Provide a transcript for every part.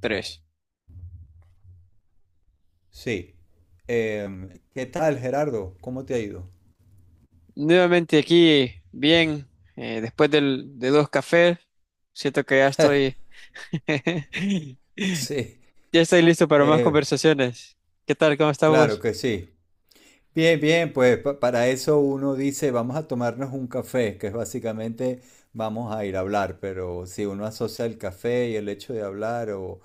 Tres. Sí. ¿Qué tal, Gerardo? ¿Cómo te ha ido? Nuevamente aquí, bien, después de dos cafés, siento que ya estoy, Sí, ya estoy listo para más eh, conversaciones. ¿Qué tal? ¿Cómo estás claro vos? que sí. Bien, bien, pues para eso uno dice, vamos a tomarnos un café, que es básicamente vamos a ir a hablar, pero si uno asocia el café y el hecho de hablar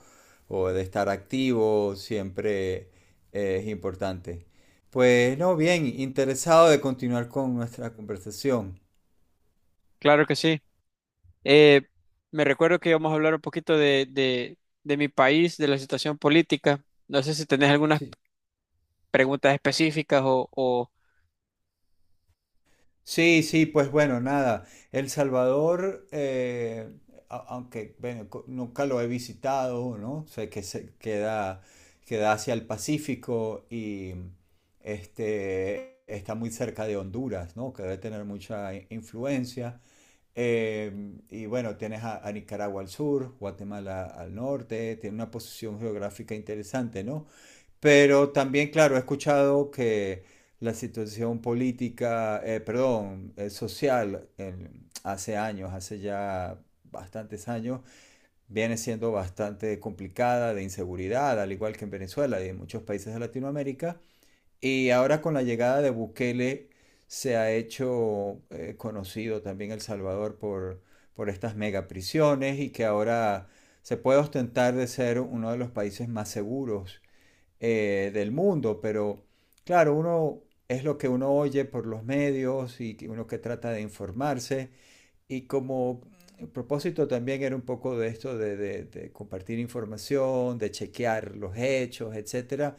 o de estar activo, siempre es importante. Pues no, bien, interesado de continuar con nuestra conversación. Claro que sí. Eh, me recuerdo que íbamos a hablar un poquito de mi país, de la situación política. No sé si tenés algunas Sí. preguntas específicas o. Sí, sí, pues bueno, nada. El Salvador, aunque bueno, nunca lo he visitado, ¿no? Sé que se queda, queda hacia el Pacífico y este, está muy cerca de Honduras, ¿no? Que debe tener mucha influencia. Y bueno, tienes a Nicaragua al sur, Guatemala al norte, tiene una posición geográfica interesante, ¿no? Pero también, claro, he escuchado que la situación política, perdón, social, hace años, hace ya bastantes años, viene siendo bastante complicada de inseguridad, al igual que en Venezuela y en muchos países de Latinoamérica. Y ahora con la llegada de Bukele se ha hecho conocido también El Salvador por estas megaprisiones y que ahora se puede ostentar de ser uno de los países más seguros del mundo, pero claro, uno es lo que uno oye por los medios y que uno que trata de informarse y como el propósito también era un poco de esto de, de compartir información, de chequear los hechos, etcétera,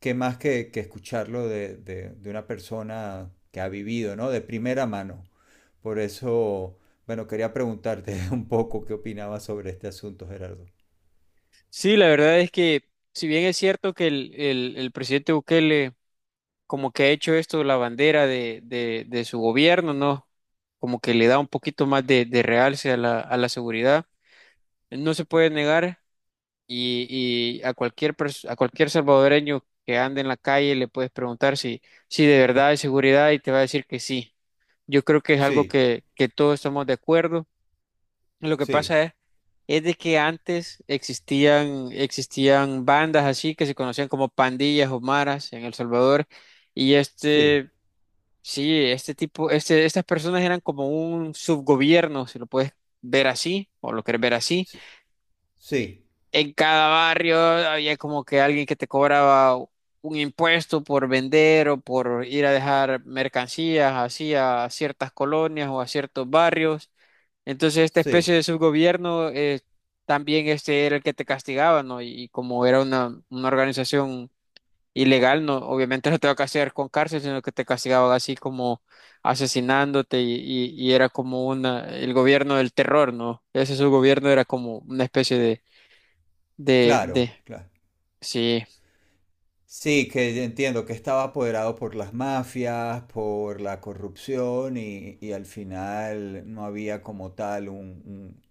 que más que escucharlo de, de una persona que ha vivido, ¿no? De primera mano. Por eso, bueno, quería preguntarte un poco qué opinabas sobre este asunto, Gerardo. Sí, la verdad es que, si bien es cierto que el presidente Bukele como que ha hecho esto la bandera de su gobierno, ¿no? Como que le da un poquito más de realce a la seguridad. No se puede negar y a cualquier salvadoreño que ande en la calle le puedes preguntar si, de verdad hay seguridad y te va a decir que sí. Yo creo que es algo Sí, que todos estamos de acuerdo. Lo que sí, pasa es de que antes existían bandas así que se conocían como pandillas o maras en El Salvador y sí, este Sí. Estas personas eran como un subgobierno, si lo puedes ver así, o lo quieres ver así. sí, Eh, sí. En cada barrio había como que alguien que te cobraba un impuesto por vender o por ir a dejar mercancías así a ciertas colonias o a ciertos barrios. Entonces, esta especie Sí, de subgobierno también este era el que te castigaba, ¿no? Y como era una organización ilegal, no, obviamente no te va a castigar con cárcel, sino que te castigaban así como asesinándote y era como el gobierno del terror, ¿no? Ese su gobierno era como una especie de. claro, claro. Sí, Sí, que entiendo que estaba apoderado por las mafias, por la corrupción y al final no había como tal un,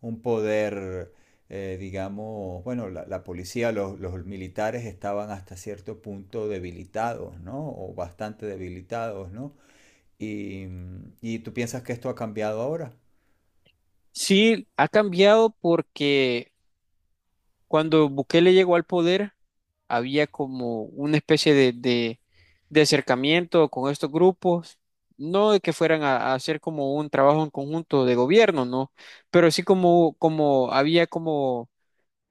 un poder, digamos, bueno, la policía, los militares estaban hasta cierto punto debilitados, ¿no? O bastante debilitados, ¿no? Y, y tú piensas que esto ha cambiado ahora. sí, ha cambiado porque cuando Bukele llegó al poder había como una especie de acercamiento con estos grupos. No de que fueran a hacer como un trabajo en conjunto de gobierno, ¿no? Pero sí como había como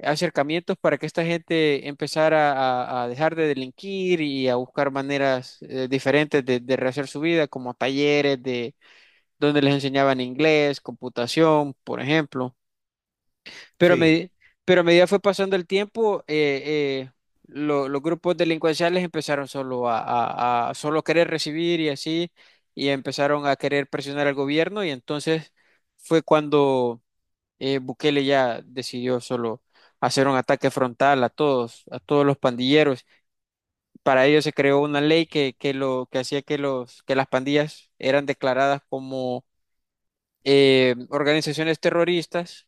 acercamientos para que esta gente empezara a dejar de delinquir y a buscar maneras diferentes de rehacer su vida, como talleres de donde les enseñaban inglés, computación, por ejemplo. Pero a, Sí, medi- pero a medida fue pasando el tiempo, eh, los grupos delincuenciales empezaron solo a solo querer recibir y así, y empezaron a querer presionar al gobierno y entonces fue cuando Bukele ya decidió solo hacer un ataque frontal a todos, los pandilleros. Para ello se creó una ley que lo que hacía que los que las pandillas eran declaradas como organizaciones terroristas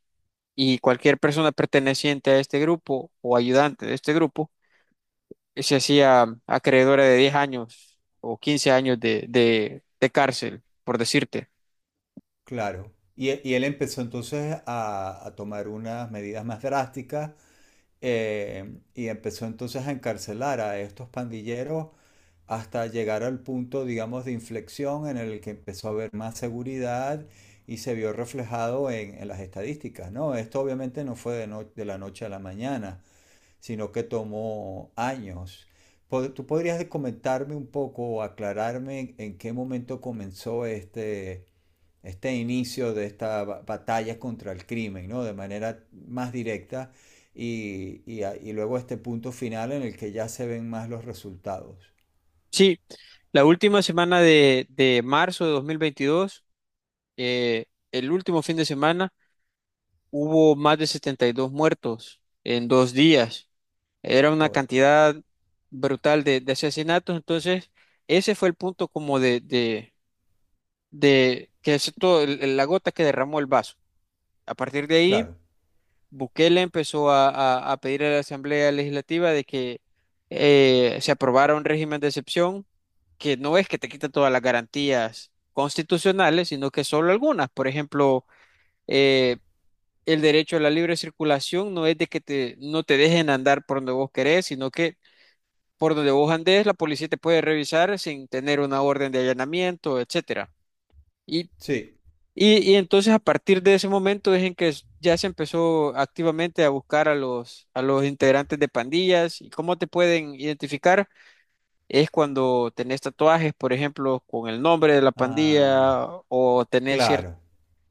y cualquier persona perteneciente a este grupo o ayudante de este grupo se hacía acreedora de 10 años o 15 años de cárcel, por decirte. claro. Y, y él empezó entonces a tomar unas medidas más drásticas y empezó entonces a encarcelar a estos pandilleros hasta llegar al punto, digamos, de inflexión en el que empezó a haber más seguridad y se vio reflejado en las estadísticas, ¿no? Esto obviamente no fue de, de la noche a la mañana, sino que tomó años. ¿Tú podrías comentarme un poco o aclararme en qué momento comenzó este, este inicio de esta batalla contra el crimen, ¿no? De manera más directa y y luego este punto final en el que ya se ven más los resultados. Sí, la última semana de marzo de 2022. eh, el último fin de semana hubo más de 72 muertos en 2 días. Era una Joder, cantidad brutal de asesinatos. Entonces, ese fue el punto como de que es todo, la gota que derramó el vaso. A partir de ahí, claro, Bukele empezó a pedir a la Asamblea Legislativa de que se aprobara un régimen de excepción que no es que te quita todas las garantías constitucionales, sino que solo algunas. Por ejemplo, eh, el derecho a la libre circulación no es de que no te dejen andar por donde vos querés, sino que por donde vos andes, la policía te puede revisar sin tener una orden de allanamiento, etcétera. Y, sí. y entonces a partir de ese momento es en que ya se empezó activamente a buscar a los integrantes de pandillas. ¿Y cómo te pueden identificar? Es cuando tenés tatuajes, por ejemplo, con el nombre de la Ah, pandilla o tenés cierto. claro.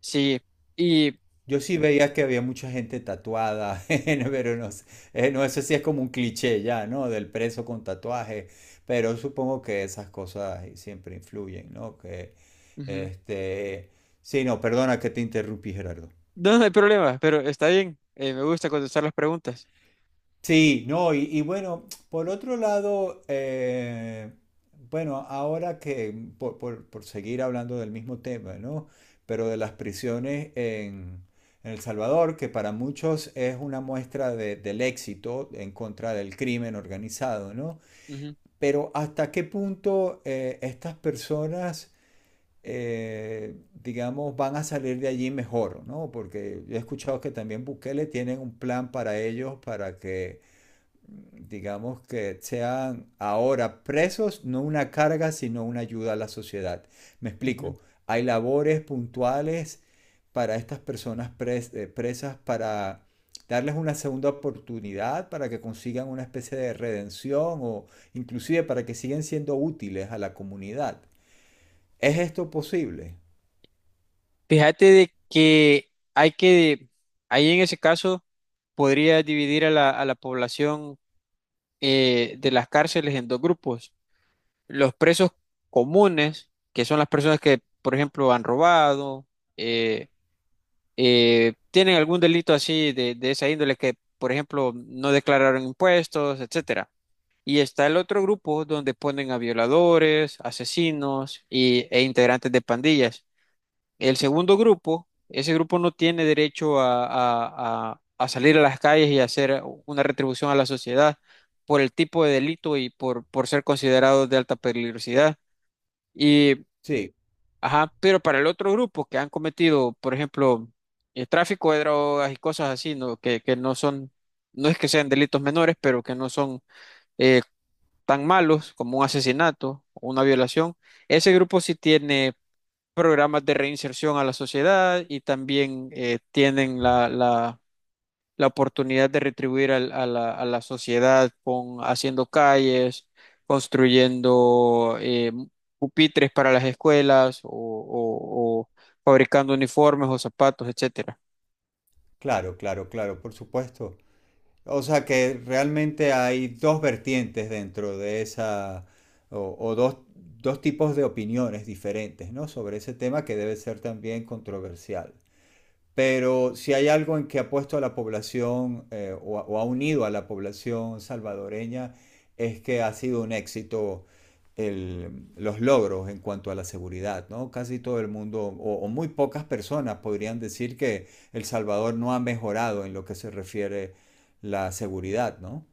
Sí, y... Yo sí veía que había mucha gente tatuada, pero no sé, no, eso sí es como un cliché ya, ¿no? Del preso con tatuaje, pero supongo que esas cosas siempre influyen, ¿no? Que, Ujú. este, sí, no, perdona que te interrumpí, Gerardo. No, no hay problema, pero está bien. Me gusta contestar las preguntas. Sí, no, y bueno, por otro lado, bueno, ahora que, por, por seguir hablando del mismo tema, ¿no? Pero de las prisiones en El Salvador, que para muchos es una muestra del éxito en contra del crimen organizado, ¿no? Ujú, Pero ¿hasta qué punto estas personas, digamos, van a salir de allí mejor, ¿no? Porque yo he escuchado que también Bukele tiene un plan para ellos, para que digamos que sean ahora presos, no una carga, sino una ayuda a la sociedad. Me ujú. explico, hay labores puntuales para estas personas presas para darles una segunda oportunidad, para que consigan una especie de redención o inclusive para que sigan siendo útiles a la comunidad. ¿Es esto posible? Fíjate de que hay que, ahí en ese caso, podría dividir a la población de las cárceles en dos grupos. Los presos comunes, que son las personas que, por ejemplo, han robado, eh, tienen algún delito así de esa índole que, por ejemplo, no declararon impuestos, etcétera. Y está el otro grupo donde ponen a violadores, asesinos e integrantes de pandillas. El segundo grupo, ese grupo no tiene derecho a salir a las calles y hacer una retribución a la sociedad por el tipo de delito y por ser considerados de alta peligrosidad. Y, Sí, ajá, pero para el otro grupo que han cometido, por ejemplo, el tráfico de drogas y cosas así, ¿no? Que no son, no es que sean delitos menores, pero que no son eh, tan malos como un asesinato o una violación, ese grupo sí tiene programas de reinserción a la sociedad y también tienen la oportunidad de retribuir a la sociedad con haciendo calles, construyendo pupitres para las escuelas o fabricando uniformes o zapatos, etcétera. claro, claro, claro, por supuesto. O sea que realmente hay dos vertientes dentro de esa, o dos, dos tipos de opiniones diferentes, ¿no? Sobre ese tema que debe ser también controversial. Pero si hay algo en que ha puesto a la población o, o ha unido a la población salvadoreña es que ha sido un éxito los logros en cuanto a la seguridad, ¿no? Casi todo el mundo o muy pocas personas podrían decir que El Salvador no ha mejorado en lo que se refiere la seguridad, ¿no?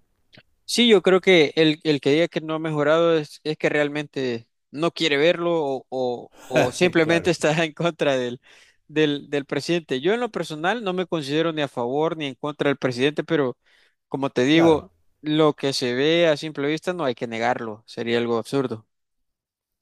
Sí, yo creo que el que diga que no ha mejorado es, que realmente no quiere verlo o simplemente Claro, está en contra del presidente. Yo en lo personal no me considero ni a favor ni en contra del presidente, pero como te claro. digo, lo que se ve a simple vista no hay que negarlo, sería algo absurdo.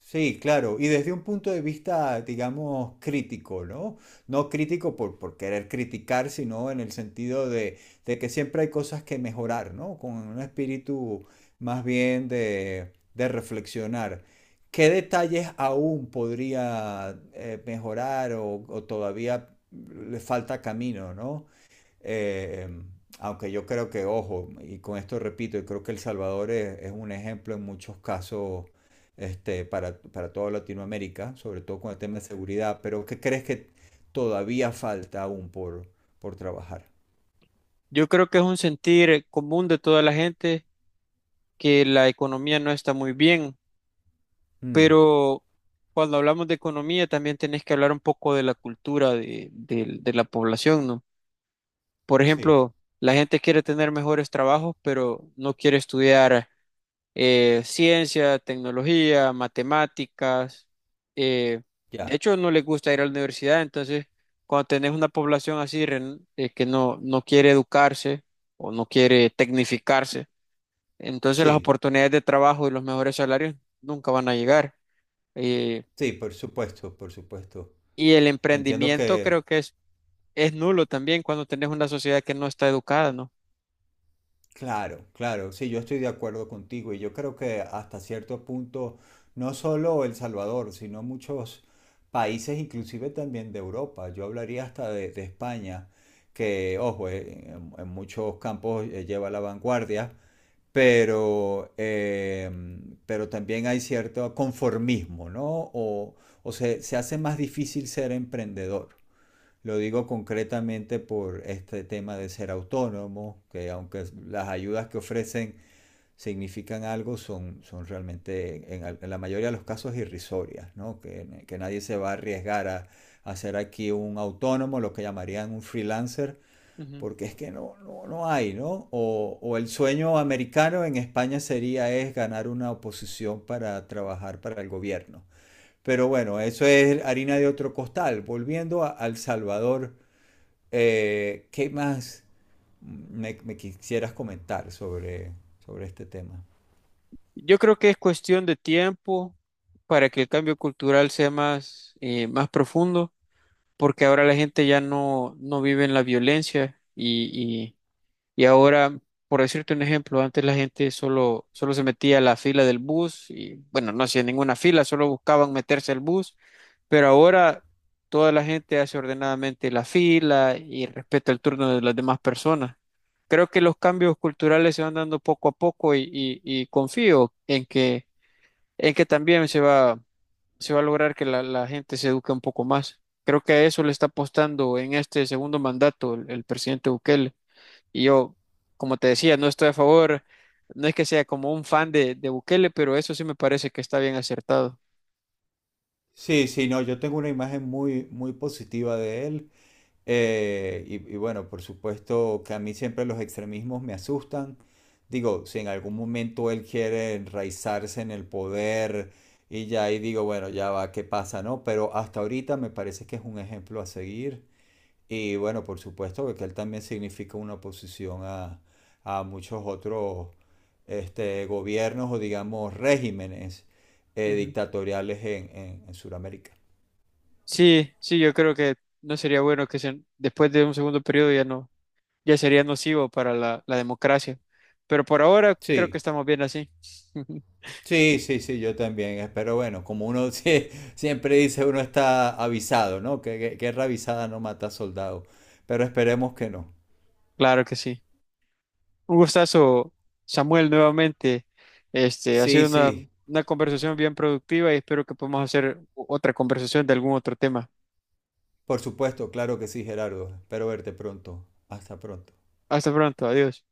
Sí, claro, y desde un punto de vista, digamos, crítico, ¿no? No crítico por querer criticar, sino en el sentido de que siempre hay cosas que mejorar, ¿no? Con un espíritu más bien de reflexionar. ¿Qué detalles aún podría mejorar o todavía le falta camino, ¿no? Eh, aunque yo creo que, ojo, y con esto repito, yo creo que El Salvador es un ejemplo en muchos casos este, para toda Latinoamérica, sobre todo con el tema de seguridad, pero ¿qué crees que todavía falta aún por trabajar? Yo creo que es un sentir común de toda la gente que la economía no está muy bien. Mm, Pero cuando hablamos de economía también tenés que hablar un poco de la cultura de la población, ¿no? Por sí, ejemplo, la gente quiere tener mejores trabajos, pero no quiere estudiar ciencia, tecnología, matemáticas. eh, de ya, hecho, no les gusta ir a la universidad, entonces cuando tenés una población así que no quiere educarse o no quiere tecnificarse, entonces las sí, oportunidades de trabajo y los mejores salarios nunca van a llegar. Eh, sí, por supuesto, por supuesto. Y el Entiendo emprendimiento que creo que es nulo también cuando tenés una sociedad que no está educada, ¿no? claro, claro, sí, yo estoy de acuerdo contigo y yo creo que hasta cierto punto, no solo El Salvador, sino muchos países, inclusive también de Europa, yo hablaría hasta de España, que, ojo, en muchos campos lleva la vanguardia, pero, pero también hay cierto conformismo, ¿no? O, o se, se hace más difícil ser emprendedor. Lo digo concretamente por este tema de ser autónomo, que aunque las ayudas que ofrecen significan algo, son, son realmente en la mayoría de los casos irrisorias, ¿no? Que nadie se va a arriesgar a, ser aquí un autónomo, lo que llamarían un freelancer, Ujú. porque es que no, no, no hay, ¿no? O, el sueño americano en España sería es ganar una oposición para trabajar para el gobierno. Pero bueno, eso es harina de otro costal. Volviendo a El Salvador, ¿qué más me, me quisieras comentar sobre, sobre este tema? Yo creo que es cuestión de tiempo para que el cambio cultural sea más profundo, porque ahora la gente ya no vive en la violencia y ahora, por decirte un ejemplo, antes la gente solo se metía a la fila del bus y, bueno, no hacía ninguna fila, solo buscaban meterse al bus. Pero ahora toda la gente hace ordenadamente la fila y respeta el turno de las demás personas. Creo que los cambios culturales se van dando poco a poco y confío en que también se va a lograr que la gente se eduque un poco más. Creo que a eso le está apostando en este segundo mandato el presidente Bukele. Y yo, como te decía, no estoy a favor, no es que sea como un fan de Bukele, pero eso sí me parece que está bien acertado. Sí, sí, no, yo tengo una imagen muy, muy positiva de él. Y bueno, por supuesto que a mí siempre los extremismos me asustan. Digo, si en algún momento él quiere enraizarse en el poder y ya ahí digo, bueno, ya va, ¿qué pasa, no? Pero hasta ahorita me parece que es un ejemplo a seguir. Y bueno, por supuesto, porque él también significa una oposición a muchos otros este, gobiernos o digamos regímenes Ujú. dictatoriales en Sudamérica. Sí, sí, yo creo que no sería bueno que después de un segundo periodo ya no, ya sería nocivo para la democracia. Pero por ahora creo que Sí, estamos bien así. sí, sí, sí, yo también. Pero bueno, como uno siempre dice, uno está avisado, ¿no? Que guerra avisada no mata soldado. Pero esperemos que no. Claro que sí. Un gustazo, Samuel, nuevamente. Ha Sí, sido una, sí, una conversación bien productiva y espero que podamos hacer otra conversación de algún otro tema. por supuesto, claro que sí, Gerardo. Espero verte pronto. Hasta pronto. Hasta pronto, adiós.